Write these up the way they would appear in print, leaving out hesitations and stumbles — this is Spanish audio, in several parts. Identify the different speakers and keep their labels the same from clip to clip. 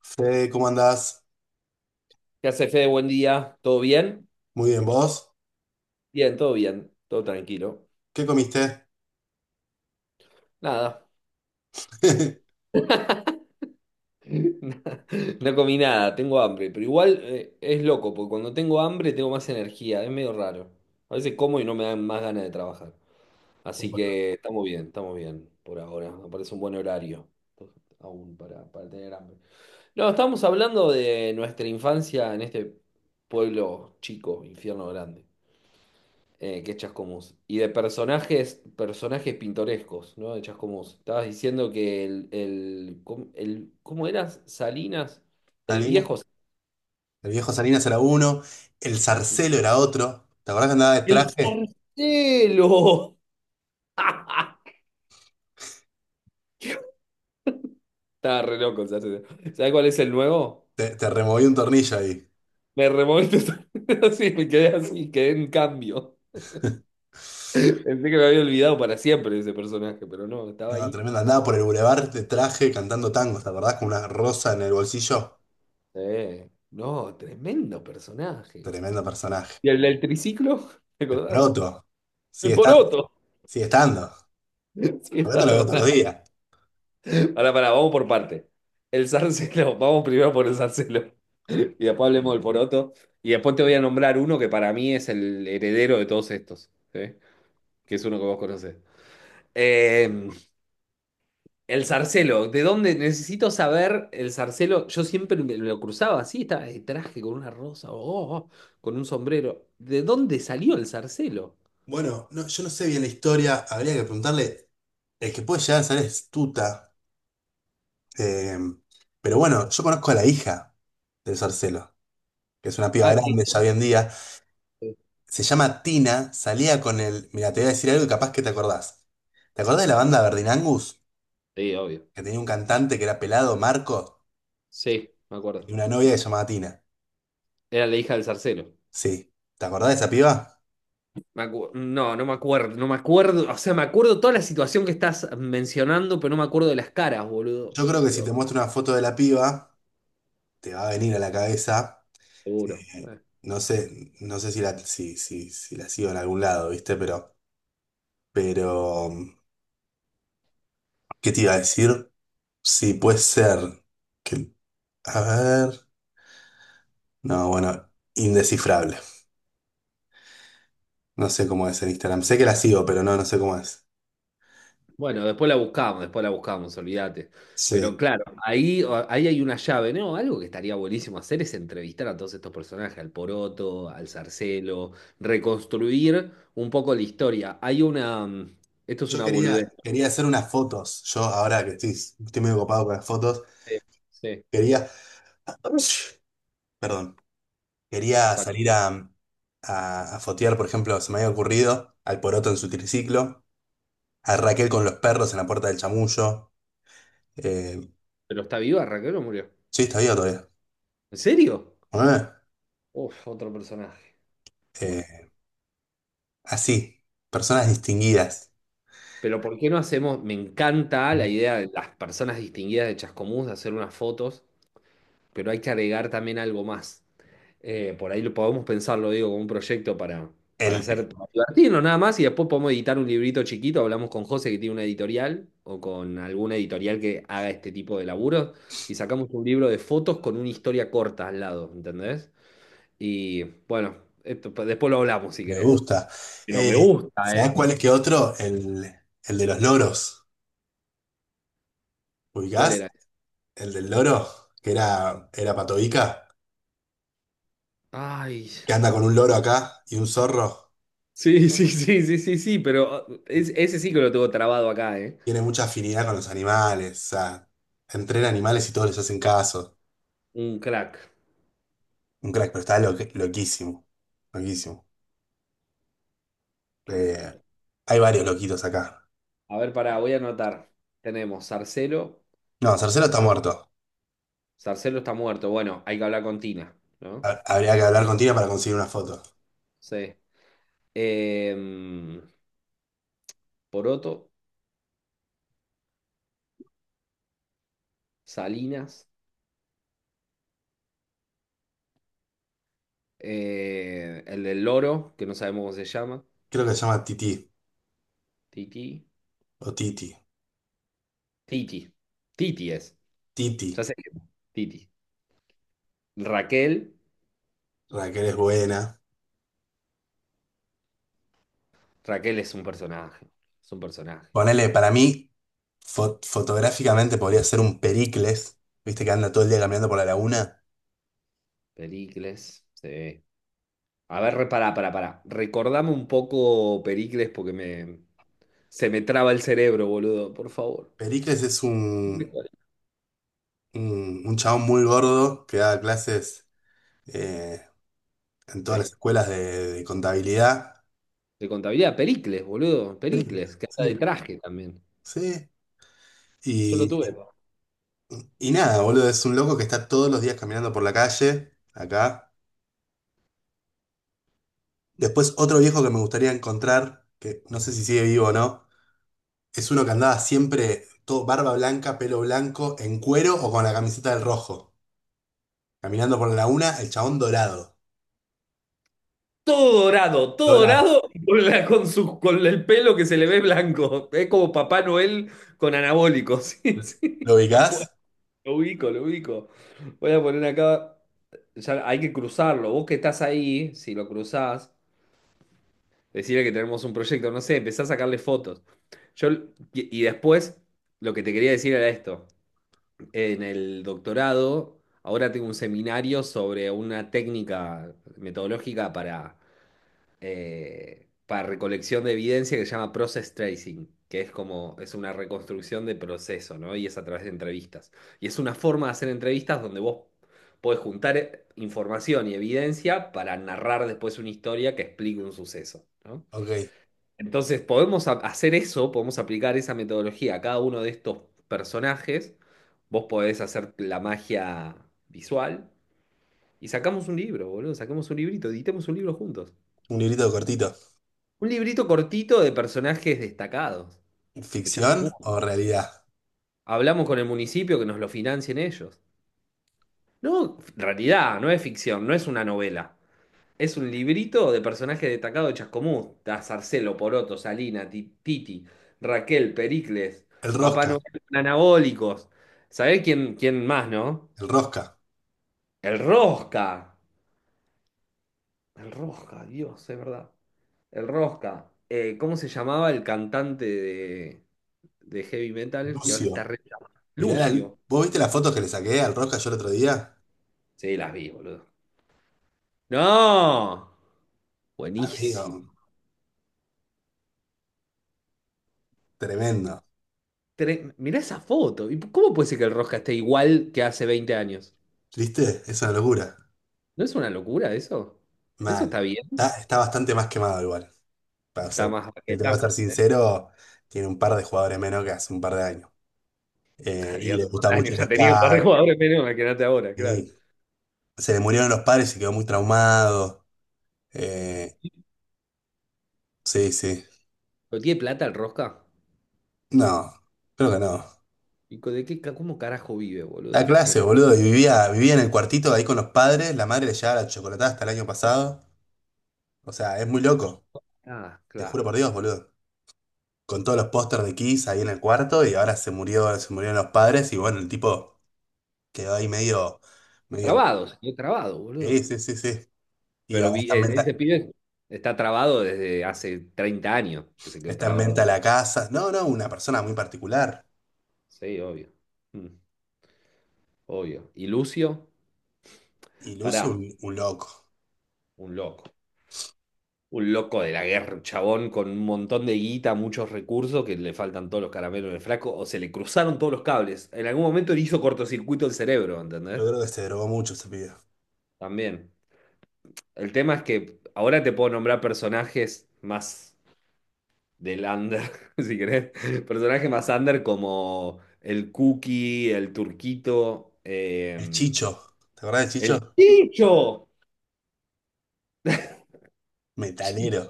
Speaker 1: Fede, ¿cómo andás?
Speaker 2: ¿Qué hace, Fede? Buen día. ¿Todo bien?
Speaker 1: Muy bien, ¿vos?
Speaker 2: Bien. Todo tranquilo.
Speaker 1: ¿Qué comiste?
Speaker 2: Nada, no comí nada, tengo hambre. Pero igual es loco, porque cuando tengo hambre tengo más energía. Es medio raro. A veces como y no me dan más ganas de trabajar. Así que estamos bien por ahora. Me parece un buen horario aún para tener hambre. No, estamos hablando de nuestra infancia en este pueblo chico, infierno grande. Que es Chascomús. Y de personajes, personajes pintorescos, ¿no? De Chascomús. Estabas diciendo que ¿cómo eras? Salinas, el
Speaker 1: Salina.
Speaker 2: viejo.
Speaker 1: El viejo Salinas era uno, el
Speaker 2: Salinas.
Speaker 1: Zarcelo era otro. ¿Te acordás que andaba de
Speaker 2: ¡El
Speaker 1: traje?
Speaker 2: Sarcelo! Estaba re loco el Sarcelo. ¿Sabes cuál es el nuevo?
Speaker 1: Te removí un tornillo ahí.
Speaker 2: Me removiste así, me quedé así, quedé en cambio. Pensé que me había olvidado para siempre de ese personaje, pero no, estaba
Speaker 1: No,
Speaker 2: ahí.
Speaker 1: tremendo. Andaba por el bulevar de traje cantando tangos, ¿te acordás? Con una rosa en el bolsillo.
Speaker 2: Sí. No, tremendo personaje.
Speaker 1: Tremendo personaje.
Speaker 2: ¿Y el del triciclo? ¿Te
Speaker 1: El
Speaker 2: acordás?
Speaker 1: Proto.
Speaker 2: El
Speaker 1: Sigue estando.
Speaker 2: poroto.
Speaker 1: Sigue estando. El
Speaker 2: Sí,
Speaker 1: Proto
Speaker 2: está.
Speaker 1: lo veo todos los días.
Speaker 2: Ahora, para, vamos por parte. El zarcelo, vamos primero por el zarcelo. Y después hablemos del poroto. Y después te voy a nombrar uno que para mí es el heredero de todos estos, ¿sí? Que es uno que vos conocés. Eh, el zarcelo, ¿de dónde necesito saber el zarcelo? Yo siempre me lo cruzaba así, estaba de traje con una rosa, oh, oh, oh, con un sombrero. ¿De dónde salió el zarcelo?
Speaker 1: Bueno, no, yo no sé bien la historia. Habría que preguntarle. El que puede llegar a ser es Tuta. Eh, pero bueno, yo conozco a la hija del Sarcelo, que es una piba
Speaker 2: Ah,
Speaker 1: grande ya
Speaker 2: tiene-
Speaker 1: hoy en día. Se llama Tina, salía con el... Mira, te voy a decir algo y capaz que te acordás. ¿Te acordás de
Speaker 2: A
Speaker 1: la
Speaker 2: ver,
Speaker 1: banda Verdin Angus?
Speaker 2: sí, obvio.
Speaker 1: Que tenía un cantante que era pelado, Marco,
Speaker 2: Sí, me
Speaker 1: y
Speaker 2: acuerdo.
Speaker 1: una novia que se llamaba Tina.
Speaker 2: Era la hija del zarcelo.
Speaker 1: Sí. ¿Te acordás de esa piba?
Speaker 2: No, no me acuerdo, no me acuerdo, o sea, me acuerdo toda la situación que estás mencionando, pero no me acuerdo de las caras, boludo.
Speaker 1: Yo creo que si te
Speaker 2: Digo,
Speaker 1: muestro una foto de la piba, te va a venir a la cabeza.
Speaker 2: seguro.
Speaker 1: eh, no sé, no sé si la sigo en algún lado, ¿viste? Pero, ¿qué te iba a decir? Sí, puede ser. Que, a ver. No, bueno, indescifrable. No sé cómo es en Instagram. Sé que la sigo, pero no, no sé cómo es.
Speaker 2: Bueno, después la buscamos, olvídate. Pero
Speaker 1: Sí.
Speaker 2: claro, ahí hay una llave, ¿no? Algo que estaría buenísimo hacer es entrevistar a todos estos personajes, al Poroto, al Zarcelo, reconstruir un poco la historia. Hay una, esto es
Speaker 1: Yo
Speaker 2: una boludez.
Speaker 1: quería, quería hacer unas fotos. Yo ahora que estoy, estoy medio ocupado con las fotos,
Speaker 2: Sí, sí,
Speaker 1: quería. Perdón. Quería
Speaker 2: exacto.
Speaker 1: salir a fotear, por ejemplo, se me había ocurrido al Poroto en su triciclo, a Raquel con los perros en la puerta del Chamullo. Eh,
Speaker 2: Pero está viva, Raquel, o murió.
Speaker 1: sí, está vivo todavía.
Speaker 2: ¿En serio?
Speaker 1: Ah,
Speaker 2: Uf, otro personaje. Bueno.
Speaker 1: eh, Así, personas distinguidas.
Speaker 2: Pero ¿por qué no hacemos? Me encanta la idea de las personas distinguidas de Chascomús de hacer unas fotos, pero hay que agregar también algo más. Por ahí lo podemos pensarlo, digo, como un proyecto para
Speaker 1: El,
Speaker 2: hacer, para divertirnos nada más y después podemos editar un librito chiquito. Hablamos con José, que tiene una editorial, o con alguna editorial que haga este tipo de laburos, y sacamos un libro de fotos con una historia corta al lado, ¿entendés? Y bueno, esto, después lo hablamos si
Speaker 1: me
Speaker 2: querés.
Speaker 1: gusta.
Speaker 2: Pero
Speaker 1: Eh,
Speaker 2: me gusta,
Speaker 1: ¿Sabés
Speaker 2: ¿eh?
Speaker 1: cuál es que otro? El de los loros.
Speaker 2: ¿Cuál
Speaker 1: ¿Ubicás?
Speaker 2: era?
Speaker 1: El del loro, que era, era Patovica,
Speaker 2: Ay.
Speaker 1: que anda con un loro acá y un zorro.
Speaker 2: Sí, sí, sí, sí, sí, sí, pero ese sí que lo tengo trabado acá, ¿eh?
Speaker 1: Tiene mucha afinidad con los animales. O sea, entrena animales y todos les hacen caso.
Speaker 2: Un crack.
Speaker 1: Un crack, pero está lo- loquísimo. Loquísimo.
Speaker 2: Qué
Speaker 1: Eh,
Speaker 2: locura.
Speaker 1: Hay varios loquitos acá.
Speaker 2: A ver, pará, voy a anotar. Tenemos Sarcelo.
Speaker 1: No, Cercero
Speaker 2: Sar-
Speaker 1: está muerto.
Speaker 2: Sarcelo está muerto. Bueno, hay que hablar con Tina, ¿no?
Speaker 1: Habría que hablar con Tina para conseguir una foto.
Speaker 2: Sí. Em, Poroto, Salinas, el del loro, que no sabemos cómo se llama.
Speaker 1: Creo que se llama Titi.
Speaker 2: Titi.
Speaker 1: O Titi.
Speaker 2: Titi. Titi es.
Speaker 1: Titi.
Speaker 2: Ya sé que Titi. Raquel.
Speaker 1: Raquel es buena.
Speaker 2: Raquel es un personaje. Es un personaje.
Speaker 1: Ponele, para mí, fotográficamente podría ser un Pericles, viste que anda todo el día caminando por la laguna.
Speaker 2: Pericles. Sí. A ver, pará, pará, pará. Recordame un poco, Pericles, porque se me traba el cerebro, boludo, por favor.
Speaker 1: Pericles es
Speaker 2: Pericles.
Speaker 1: un chabón muy gordo que da clases eh, en todas
Speaker 2: Sí,
Speaker 1: las escuelas de contabilidad.
Speaker 2: de contabilidad, Pericles, boludo,
Speaker 1: Pericles,
Speaker 2: Pericles, que anda de
Speaker 1: sí,
Speaker 2: traje también.
Speaker 1: sí.
Speaker 2: Yo lo
Speaker 1: Y,
Speaker 2: tuve.
Speaker 1: y nada, boludo, es un loco que está todos los días caminando por la calle, acá. Después otro viejo que me gustaría encontrar, que no sé si sigue vivo o no, es uno que andaba siempre todo barba blanca, pelo blanco, en cuero o con la camiseta del rojo. Caminando por la laguna, el chabón dorado.
Speaker 2: Todo
Speaker 1: Dorado.
Speaker 2: dorado, con, la- con su- con el pelo que se le ve blanco. Es como Papá Noel con anabólicos. Sí, sí.
Speaker 1: ¿Lo
Speaker 2: Me acuerdo.
Speaker 1: ubicás?
Speaker 2: Lo ubico, lo ubico. Voy a poner acá. Ya hay que cruzarlo. Vos que estás ahí, si lo cruzás. Decirle que tenemos un proyecto, no sé, empezá a sacarle fotos. Yo, y después, lo que te quería decir era esto. En el doctorado, ahora tengo un seminario sobre una técnica metodológica para recolección de evidencia, que se llama process tracing, que es como, es una reconstrucción de proceso, ¿no? Y es a través de entrevistas. Y es una forma de hacer entrevistas donde vos podés juntar información y evidencia para narrar después una historia que explique un suceso, ¿no?
Speaker 1: Ok.
Speaker 2: Entonces, podemos hacer eso, podemos aplicar esa metodología a cada uno de estos personajes. Vos podés hacer la magia visual y sacamos un libro, boludo. Sacamos un librito, editemos un libro juntos.
Speaker 1: Un librito cortito.
Speaker 2: Un librito cortito de personajes destacados de
Speaker 1: ¿Ficción
Speaker 2: Chascomún.
Speaker 1: o realidad?
Speaker 2: Hablamos con el municipio que nos lo financien ellos. No, realidad, no es ficción, no es una novela. Es un librito de personajes destacados de Chascomús. Está Sarcelo, Poroto, Salina, Titi, Raquel, Pericles,
Speaker 1: El
Speaker 2: Papá
Speaker 1: Rosca.
Speaker 2: Noel, Anabólicos. ¿Sabés quién, quién más, no?
Speaker 1: El Rosca.
Speaker 2: El Rosca. El Rosca, Dios, es verdad. El Rosca. ¿Cómo se llamaba el cantante de heavy metal que ahora está
Speaker 1: Lucio.
Speaker 2: re... llamado? Lucio.
Speaker 1: ¿Vos viste las fotos que le saqué al Rosca yo el otro día?
Speaker 2: Sí, las vi, boludo. ¡No!
Speaker 1: Amigo,
Speaker 2: Buenísimo.
Speaker 1: tremendo.
Speaker 2: Mirá esa foto. ¿Y cómo puede ser que el Rosca esté igual que hace 20 años?
Speaker 1: ¿Viste? Es una locura.
Speaker 2: ¿No es una locura eso? Eso
Speaker 1: Mal.
Speaker 2: está bien.
Speaker 1: Está bastante más quemado igual. Para
Speaker 2: Está
Speaker 1: ser,
Speaker 2: más
Speaker 1: te tengo que
Speaker 2: baqueta,
Speaker 1: ser
Speaker 2: ¿sí?
Speaker 1: sincero, tiene un par de jugadores menos que hace un par de años.
Speaker 2: Ya,
Speaker 1: Y
Speaker 2: hace
Speaker 1: le
Speaker 2: un par
Speaker 1: gustaba
Speaker 2: de
Speaker 1: mucho
Speaker 2: años
Speaker 1: el
Speaker 2: ya
Speaker 1: ska.
Speaker 2: tenía un par de jugadores menos, imagínate ahora, claro.
Speaker 1: eh, Se le murieron los padres y quedó muy traumado. eh, sí, sí.
Speaker 2: ¿Pero tiene plata el Rosca?
Speaker 1: No, creo que no.
Speaker 2: ¿Y cómo carajo vive,
Speaker 1: Da
Speaker 2: boludo, la
Speaker 1: clase,
Speaker 2: gente?
Speaker 1: boludo, y vivía, vivía en el cuartito ahí con los padres, la madre le llevaba la chocolatada hasta el año pasado. O sea, es muy loco,
Speaker 2: Ah,
Speaker 1: te juro
Speaker 2: claro.
Speaker 1: por Dios, boludo. Con todos los pósters de Kiss ahí en el cuarto y ahora se murió, se murieron los padres y bueno, el tipo quedó ahí medio, medio...
Speaker 2: Trabado, se quedó trabado,
Speaker 1: Sí,
Speaker 2: boludo.
Speaker 1: sí, sí, sí. Y
Speaker 2: Pero
Speaker 1: ahora
Speaker 2: vi, ese pibe está trabado desde hace 30 años, que se quedó
Speaker 1: está en
Speaker 2: trabado
Speaker 1: venta
Speaker 2: ahí.
Speaker 1: la casa. No, no, una persona muy particular.
Speaker 2: Sí, obvio. Mm, obvio. ¿Y Lucio?
Speaker 1: Y Lucio,
Speaker 2: Pará,
Speaker 1: un loco.
Speaker 2: un loco. Un loco de la guerra, un chabón con un montón de guita, muchos recursos, que le faltan todos los caramelos en el flaco, o se le cruzaron todos los cables. En algún momento le hizo cortocircuito el cerebro, ¿entendés?
Speaker 1: Yo creo que se drogó mucho ese pibe.
Speaker 2: También. El tema es que ahora te puedo nombrar personajes más del under, si querés. Personajes más under como el Cookie, el Turquito,
Speaker 1: El Chicho. ¿Te acordás del
Speaker 2: el
Speaker 1: Chicho?
Speaker 2: Chicho.
Speaker 1: Metalero.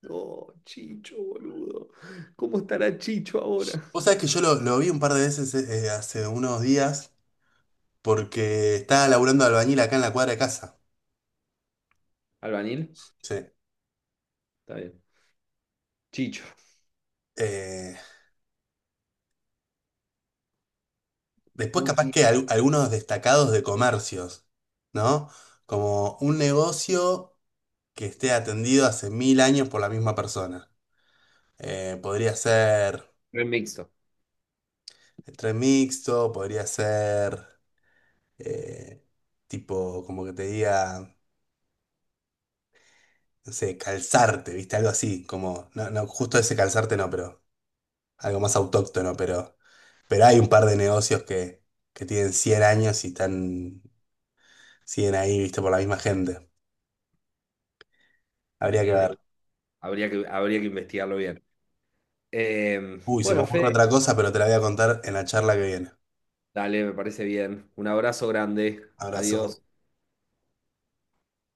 Speaker 2: Chicho, Chicho, boludo. ¿Cómo estará Chicho ahora?
Speaker 1: Vos sabés que yo lo vi un par de veces hace unos días porque estaba laburando de albañil acá en la cuadra de casa.
Speaker 2: ¿Albanil?
Speaker 1: Sí.
Speaker 2: Está bien. Chicho,
Speaker 1: Eh, Después capaz
Speaker 2: Cookie,
Speaker 1: que algunos destacados de comercios, ¿no? Como un negocio que esté atendido hace 1000 años por la misma persona. Podría ser
Speaker 2: remixo.
Speaker 1: el tren mixto, podría ser... eh, Tipo, como que te diga, no sé, calzarte, ¿viste? Algo así, como, no, no, justo ese calzarte no, pero algo más autóctono, pero hay un par de negocios que tienen 100 años y están, siguen ahí, ¿viste? Por la misma gente. Habría que
Speaker 2: Sí,
Speaker 1: ver.
Speaker 2: de- habría que investigarlo bien.
Speaker 1: Uy, se me
Speaker 2: Bueno,
Speaker 1: ocurre
Speaker 2: Fede,
Speaker 1: otra cosa, pero te la voy a contar en la charla que viene.
Speaker 2: dale, me parece bien. Un abrazo grande.
Speaker 1: Abrazo.
Speaker 2: Adiós.